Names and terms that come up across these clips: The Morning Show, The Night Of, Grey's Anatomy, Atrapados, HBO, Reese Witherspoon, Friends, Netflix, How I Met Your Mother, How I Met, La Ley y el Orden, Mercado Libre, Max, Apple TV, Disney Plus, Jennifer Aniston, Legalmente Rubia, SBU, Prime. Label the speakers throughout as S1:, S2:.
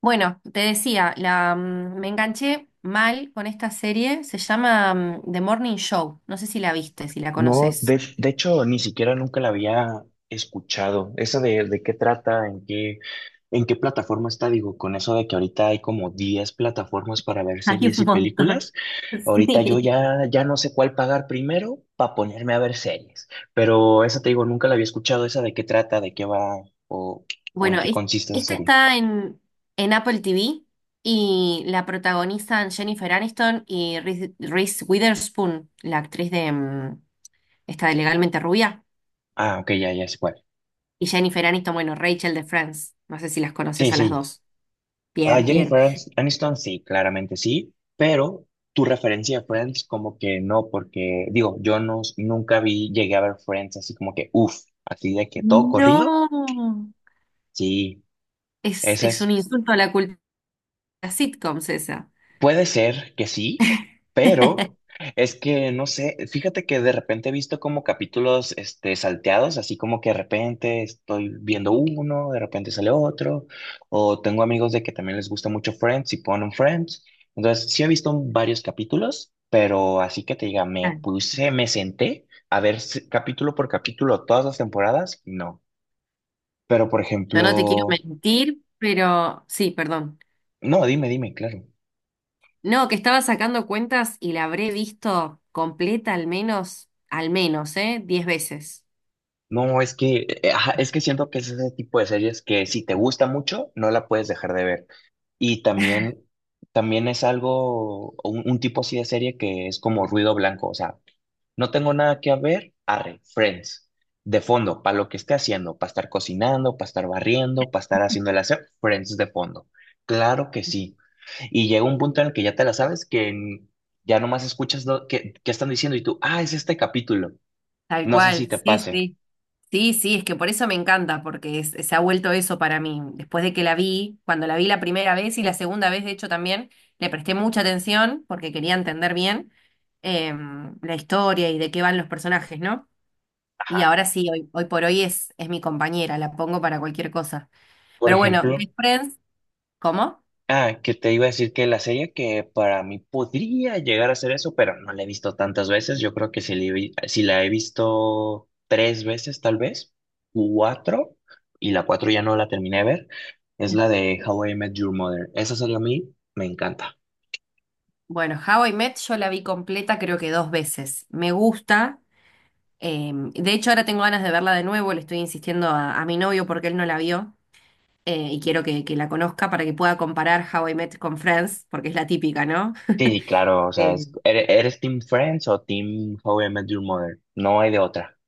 S1: Bueno, te decía, me enganché mal con esta serie, se llama The Morning Show, no sé si la viste, si la
S2: No,
S1: conoces.
S2: de hecho, ni siquiera nunca la había escuchado. Esa de qué trata, en qué plataforma está, digo, con eso de que ahorita hay como 10 plataformas para ver
S1: Hay
S2: series
S1: un
S2: y
S1: montón.
S2: películas. Ahorita yo
S1: Sí.
S2: ya no sé cuál pagar primero para ponerme a ver series. Pero esa te digo, nunca la había escuchado. Esa de qué trata, de qué va o, o en
S1: Bueno,
S2: qué
S1: es-
S2: consiste esa
S1: esta
S2: serie.
S1: está en Apple TV y la protagonizan Jennifer Aniston y Reese Witherspoon, la actriz de esta de Legalmente Rubia,
S2: Ah, ok, ya sé cuál.
S1: y Jennifer Aniston, bueno, Rachel de Friends, no sé si las
S2: Sí,
S1: conoces a las
S2: sí.
S1: dos.
S2: Ah,
S1: Bien, bien.
S2: Aniston, sí, claramente sí, pero tu referencia de Friends como que no, porque digo, yo no, nunca vi, llegué a ver Friends así como que, uff, así de que todo corrido,
S1: No,
S2: sí,
S1: es,
S2: esa
S1: es un
S2: es.
S1: insulto a la cultura. Las sitcoms esa.
S2: Puede ser que sí, pero es que no sé, fíjate que de repente he visto como capítulos salteados, así como que de repente estoy viendo uno, de repente sale otro, o tengo amigos de que también les gusta mucho Friends y ponen Friends. Entonces, sí he visto varios capítulos, pero así que te diga, me
S1: Ah.
S2: puse, me senté a ver capítulo por capítulo todas las temporadas, no. Pero por
S1: Yo no te quiero
S2: ejemplo,
S1: mentir, pero sí, perdón.
S2: no, dime, claro.
S1: No, que estaba sacando cuentas y la habré visto completa al menos, ¿eh? 10 veces.
S2: No, es que, ajá, es que siento que es ese tipo de series que si te gusta mucho, no la puedes dejar de ver. Y también, también es algo, un tipo así de serie que es como ruido blanco. O sea, no tengo nada que ver, arre, Friends. De fondo, para lo que esté haciendo, para estar cocinando, para estar barriendo, para estar haciendo el hacer, Friends de fondo. Claro que sí. Y llega un punto en el que ya te la sabes ya nomás escuchas que están diciendo y tú, ah, es este capítulo.
S1: Tal
S2: No sé si
S1: cual,
S2: te
S1: sí,
S2: pase.
S1: sí. Sí, sí, es que por eso me encanta, porque se ha vuelto eso para mí. Después de que la vi, cuando la vi la primera vez y la segunda vez, de hecho, también le presté mucha atención porque quería entender bien la historia y de qué van los personajes, ¿no? Y
S2: Ajá.
S1: ahora sí, hoy por hoy es mi compañera, la pongo para cualquier cosa.
S2: Por
S1: Pero bueno, The
S2: ejemplo.
S1: Friends, ¿cómo?
S2: Ah, que te iba a decir que la serie que para mí podría llegar a ser eso, pero no la he visto tantas veces. Yo creo que si, si la he visto tres veces, tal vez, cuatro, y la cuatro ya no la terminé de ver, es la de How I Met Your Mother. Esa serie a mí me encanta.
S1: Bueno, How I Met yo la vi completa creo que dos veces. Me gusta. De hecho, ahora tengo ganas de verla de nuevo. Le estoy insistiendo a mi novio porque él no la vio. Y quiero que la conozca para que pueda comparar How I Met con Friends, porque es la típica, ¿no?
S2: Sí, claro, o sea,
S1: Eh,
S2: ¿eres Team Friends o Team How I Met Your Mother? No hay de otra.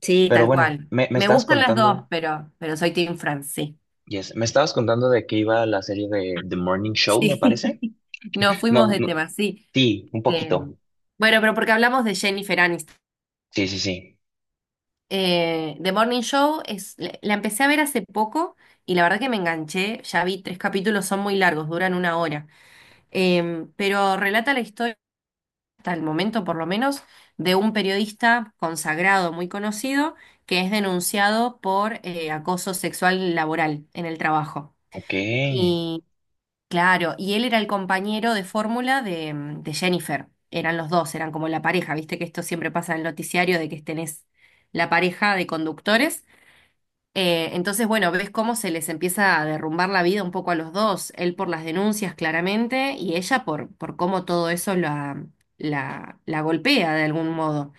S1: sí,
S2: Pero
S1: tal
S2: bueno,
S1: cual.
S2: me
S1: Me
S2: estabas
S1: gustan las
S2: contando,
S1: dos, pero soy Team Friends, sí.
S2: yes, me estabas contando de que iba la serie de The Morning Show, me
S1: Sí.
S2: parece.
S1: Nos fuimos
S2: No,
S1: de
S2: no,
S1: tema, sí.
S2: sí, un
S1: Eh,
S2: poquito.
S1: bueno, pero porque hablamos de Jennifer Aniston.
S2: Sí, sí, sí.
S1: The Morning Show la empecé a ver hace poco y la verdad que me enganché. Ya vi tres capítulos, son muy largos, duran una hora. Pero relata la historia, hasta el momento por lo menos, de un periodista consagrado, muy conocido, que es denunciado por acoso sexual laboral en el trabajo.
S2: Ok,
S1: Claro, y él era el compañero de fórmula de Jennifer. Eran los dos, eran como la pareja. Viste que esto siempre pasa en el noticiario de que tenés la pareja de conductores. Entonces, bueno, ves cómo se les empieza a derrumbar la vida un poco a los dos. Él por las denuncias, claramente, y ella por cómo todo eso la golpea de algún modo,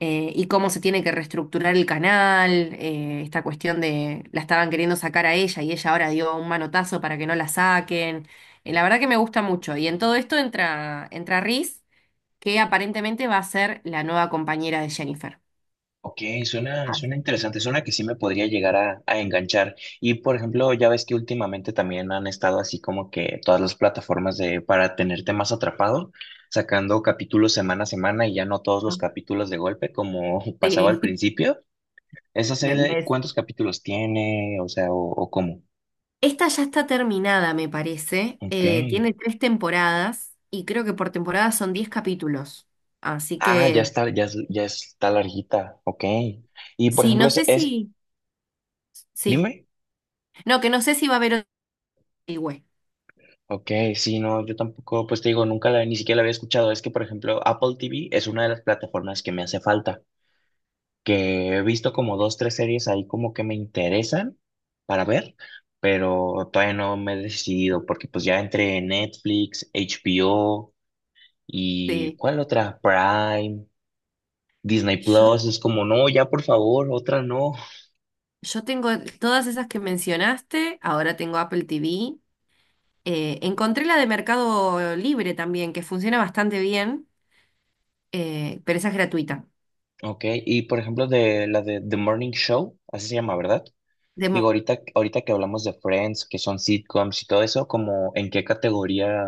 S1: y cómo se tiene que reestructurar el canal, esta cuestión de la estaban queriendo sacar a ella y ella ahora dio un manotazo para que no la saquen. La verdad que me gusta mucho. Y en todo esto entra Reese, que aparentemente va a ser la nueva compañera de Jennifer.
S2: ok, suena,
S1: Ah.
S2: suena interesante, suena que sí me podría llegar a enganchar. Y por ejemplo, ya ves que últimamente también han estado así como que todas las plataformas de para tenerte más atrapado, sacando capítulos semana a semana y ya no todos los capítulos de golpe como pasaba
S1: Sí.
S2: al principio. ¿Esa
S1: me-
S2: serie
S1: me-
S2: cuántos capítulos tiene? O sea, o cómo.
S1: Esta ya está terminada, me parece.
S2: Ok.
S1: Tiene tres temporadas y creo que por temporada son 10 capítulos. Así
S2: Ah, ya
S1: que
S2: está, ya, ya está larguita. Ok. Y por
S1: sí,
S2: ejemplo,
S1: no sé
S2: es,
S1: si... Sí,
S2: dime.
S1: no, que no sé si va a haber otro.
S2: Ok, sí, no, yo tampoco, pues te digo, nunca la, ni siquiera la había escuchado. Es que, por ejemplo, Apple TV es una de las plataformas que me hace falta, que he visto como dos, tres series ahí como que me interesan para ver, pero todavía no me he decidido porque pues ya entre Netflix, HBO y
S1: Sí,
S2: ¿cuál otra? Prime, Disney
S1: yo,
S2: Plus, es como, no, ya por favor, otra no.
S1: yo tengo todas esas que mencionaste, ahora tengo Apple TV. Encontré la de Mercado Libre también, que funciona bastante bien, pero esa es gratuita.
S2: Ok, y por ejemplo de la de The Morning Show, así se llama, ¿verdad?
S1: De
S2: Digo,
S1: mo-
S2: ahorita que hablamos de Friends, que son sitcoms y todo eso, como en qué categoría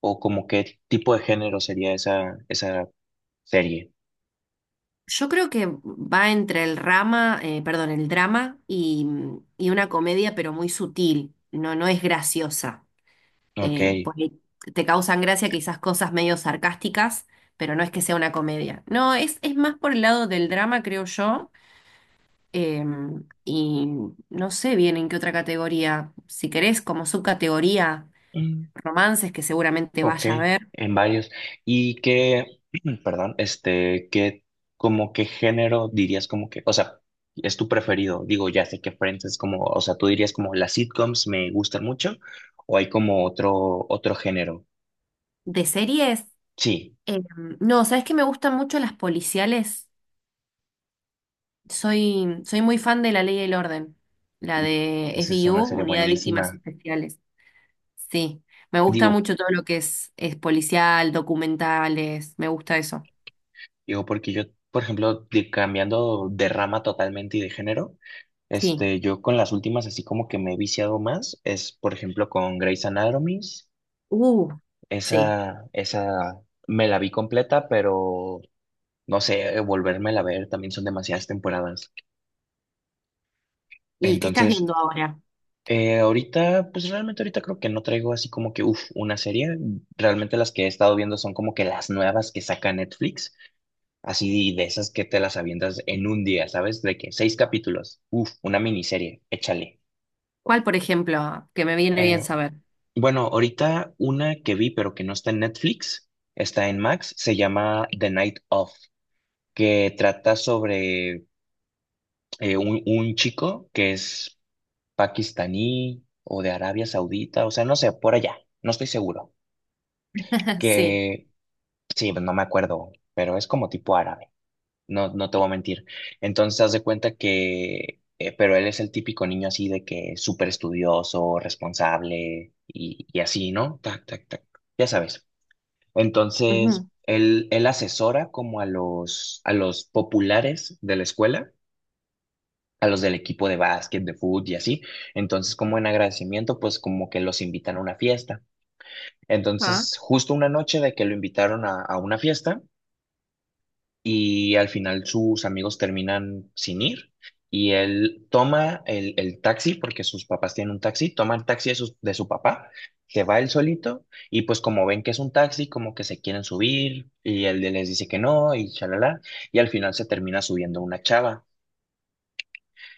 S2: o como qué tipo de género sería esa, esa serie.
S1: yo creo que va entre el rama, perdón, el drama y una comedia, pero muy sutil, no, no es graciosa.
S2: Ok.
S1: Por ahí te causan gracia quizás cosas medio sarcásticas, pero no es que sea una comedia. No, es más por el lado del drama, creo yo. Y no sé bien en qué otra categoría. Si querés, como subcategoría,
S2: Mm,
S1: romances, que seguramente
S2: ok,
S1: vaya a ver.
S2: en varios. ¿Y qué, perdón, este, qué, como qué género dirías como que, o sea, es tu preferido? Digo, ya sé que Friends es como, o sea, tú dirías como las sitcoms me gustan mucho, o hay como otro, otro género.
S1: De series,
S2: Sí,
S1: em, no, ¿sabes que me gustan mucho las policiales? Soy muy fan de La Ley y el Orden, la de
S2: esa es una
S1: SBU,
S2: serie
S1: Unidad de Víctimas
S2: buenísima.
S1: Especiales. Sí, me gusta
S2: Digo,
S1: mucho todo lo que es policial, documentales, me gusta eso.
S2: digo, porque yo, por ejemplo, cambiando de rama totalmente y de género,
S1: Sí.
S2: este, yo con las últimas así como que me he viciado más, es por ejemplo con Grey's Anatomy,
S1: Uh, sí.
S2: esa me la vi completa, pero no sé, volvérmela a ver, también son demasiadas temporadas.
S1: ¿Y qué estás
S2: Entonces,
S1: viendo ahora?
S2: ahorita, pues realmente ahorita creo que no traigo así como que, uff, una serie, realmente las que he estado viendo son como que las nuevas que saca Netflix. Así de esas que te las avientas en un día, ¿sabes? De que seis capítulos. Uf, una miniserie, échale.
S1: ¿Cuál, por ejemplo, que me viene bien
S2: Eh,
S1: saber?
S2: bueno, ahorita una que vi, pero que no está en Netflix, está en Max, se llama The Night Of, que trata sobre un chico que es pakistaní o de Arabia Saudita, o sea, no sé, por allá, no estoy seguro.
S1: Sí.
S2: Que sí, no me acuerdo, pero es como tipo árabe. No, no te voy a mentir. Entonces, haz de cuenta que, pero él es el típico niño así de que súper estudioso, responsable y así, ¿no? Tac, tac, tac. Ya sabes. Entonces,
S1: Ujú.
S2: él asesora como a los populares de la escuela, a los del equipo de básquet, de fútbol y así. Entonces, como en agradecimiento, pues como que los invitan a una fiesta.
S1: Ah.
S2: Entonces, justo una noche de que lo invitaron a una fiesta. Y al final sus amigos terminan sin ir y él toma el taxi, porque sus papás tienen un taxi, toma el taxi de su papá, se va él solito y pues como ven que es un taxi, como que se quieren subir y él les dice que no y chalala y al final se termina subiendo una chava.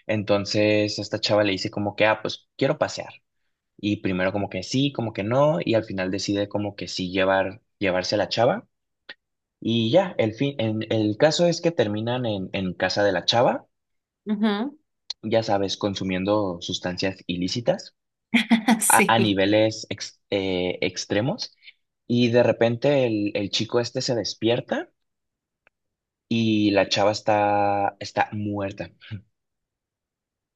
S2: Entonces esta chava le dice como que, ah, pues quiero pasear. Y primero como que sí, como que no, y al final decide como que sí llevarse a la chava. Y ya, el fin, en, el caso es que terminan en casa de la chava,
S1: Ujú.
S2: ya sabes, consumiendo sustancias ilícitas a
S1: Sí.
S2: niveles extremos. Y de repente el chico este se despierta y la chava está, está muerta.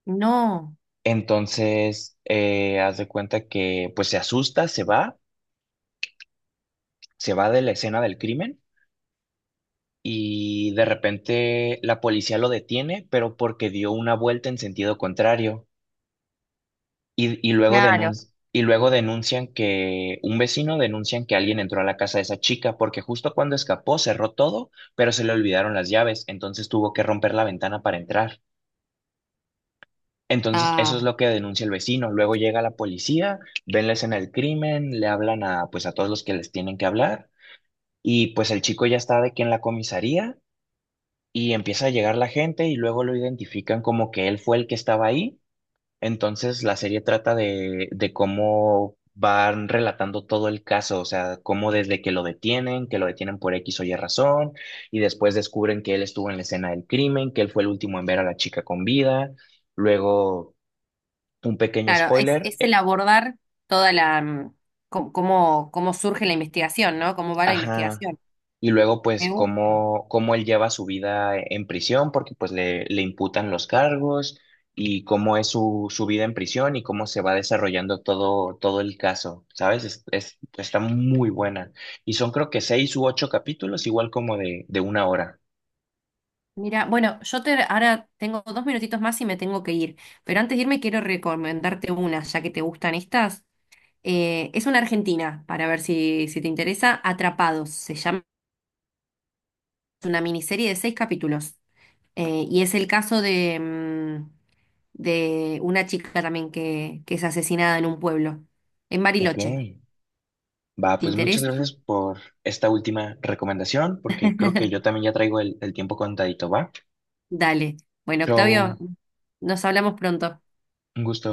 S1: No,
S2: Entonces, haz de cuenta que pues se asusta, se va de la escena del crimen y de repente la policía lo detiene, pero porque dio una vuelta en sentido contrario. Y luego
S1: claro.
S2: y luego denuncian que un vecino denuncian que alguien entró a la casa de esa chica porque justo cuando escapó cerró todo, pero se le olvidaron las llaves, entonces tuvo que romper la ventana para entrar. Entonces, eso
S1: Ah,
S2: es lo que denuncia el vecino. Luego llega la policía, ven la escena del crimen, le hablan a pues a todos los que les tienen que hablar y pues el chico ya está de que en la comisaría y empieza a llegar la gente y luego lo identifican como que él fue el que estaba ahí. Entonces, la serie trata de cómo van relatando todo el caso, o sea, cómo desde que lo detienen por X o Y razón, y después descubren que él estuvo en la escena del crimen, que él fue el último en ver a la chica con vida. Luego, un pequeño
S1: claro, es,
S2: spoiler,
S1: es el
S2: eh.
S1: abordar toda cómo, cómo surge la investigación, ¿no? Cómo va la
S2: Ajá.
S1: investigación.
S2: Y luego, pues,
S1: Me gusta.
S2: cómo, cómo él lleva su vida en prisión, porque pues le imputan los cargos y cómo es su, su vida en prisión y cómo se va desarrollando todo, todo el caso, ¿sabes? Es, está muy buena. Y son creo que seis u ocho capítulos, igual como de una hora.
S1: Mira, bueno, yo te, ahora tengo 2 minutitos más y me tengo que ir, pero antes de irme quiero recomendarte una, ya que te gustan estas. Es una argentina, para ver si te interesa. Atrapados, se llama, es una miniserie de seis capítulos. Y es el caso de una chica también que es asesinada en un pueblo, en
S2: Ok.
S1: Bariloche.
S2: Va,
S1: ¿Te
S2: pues muchas
S1: interesa?
S2: gracias por esta última recomendación, porque creo que yo también ya traigo el tiempo contadito, ¿va?
S1: Dale. Bueno,
S2: Chau,
S1: Octavio, nos hablamos pronto.
S2: un gusto.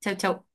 S1: Chau, chau.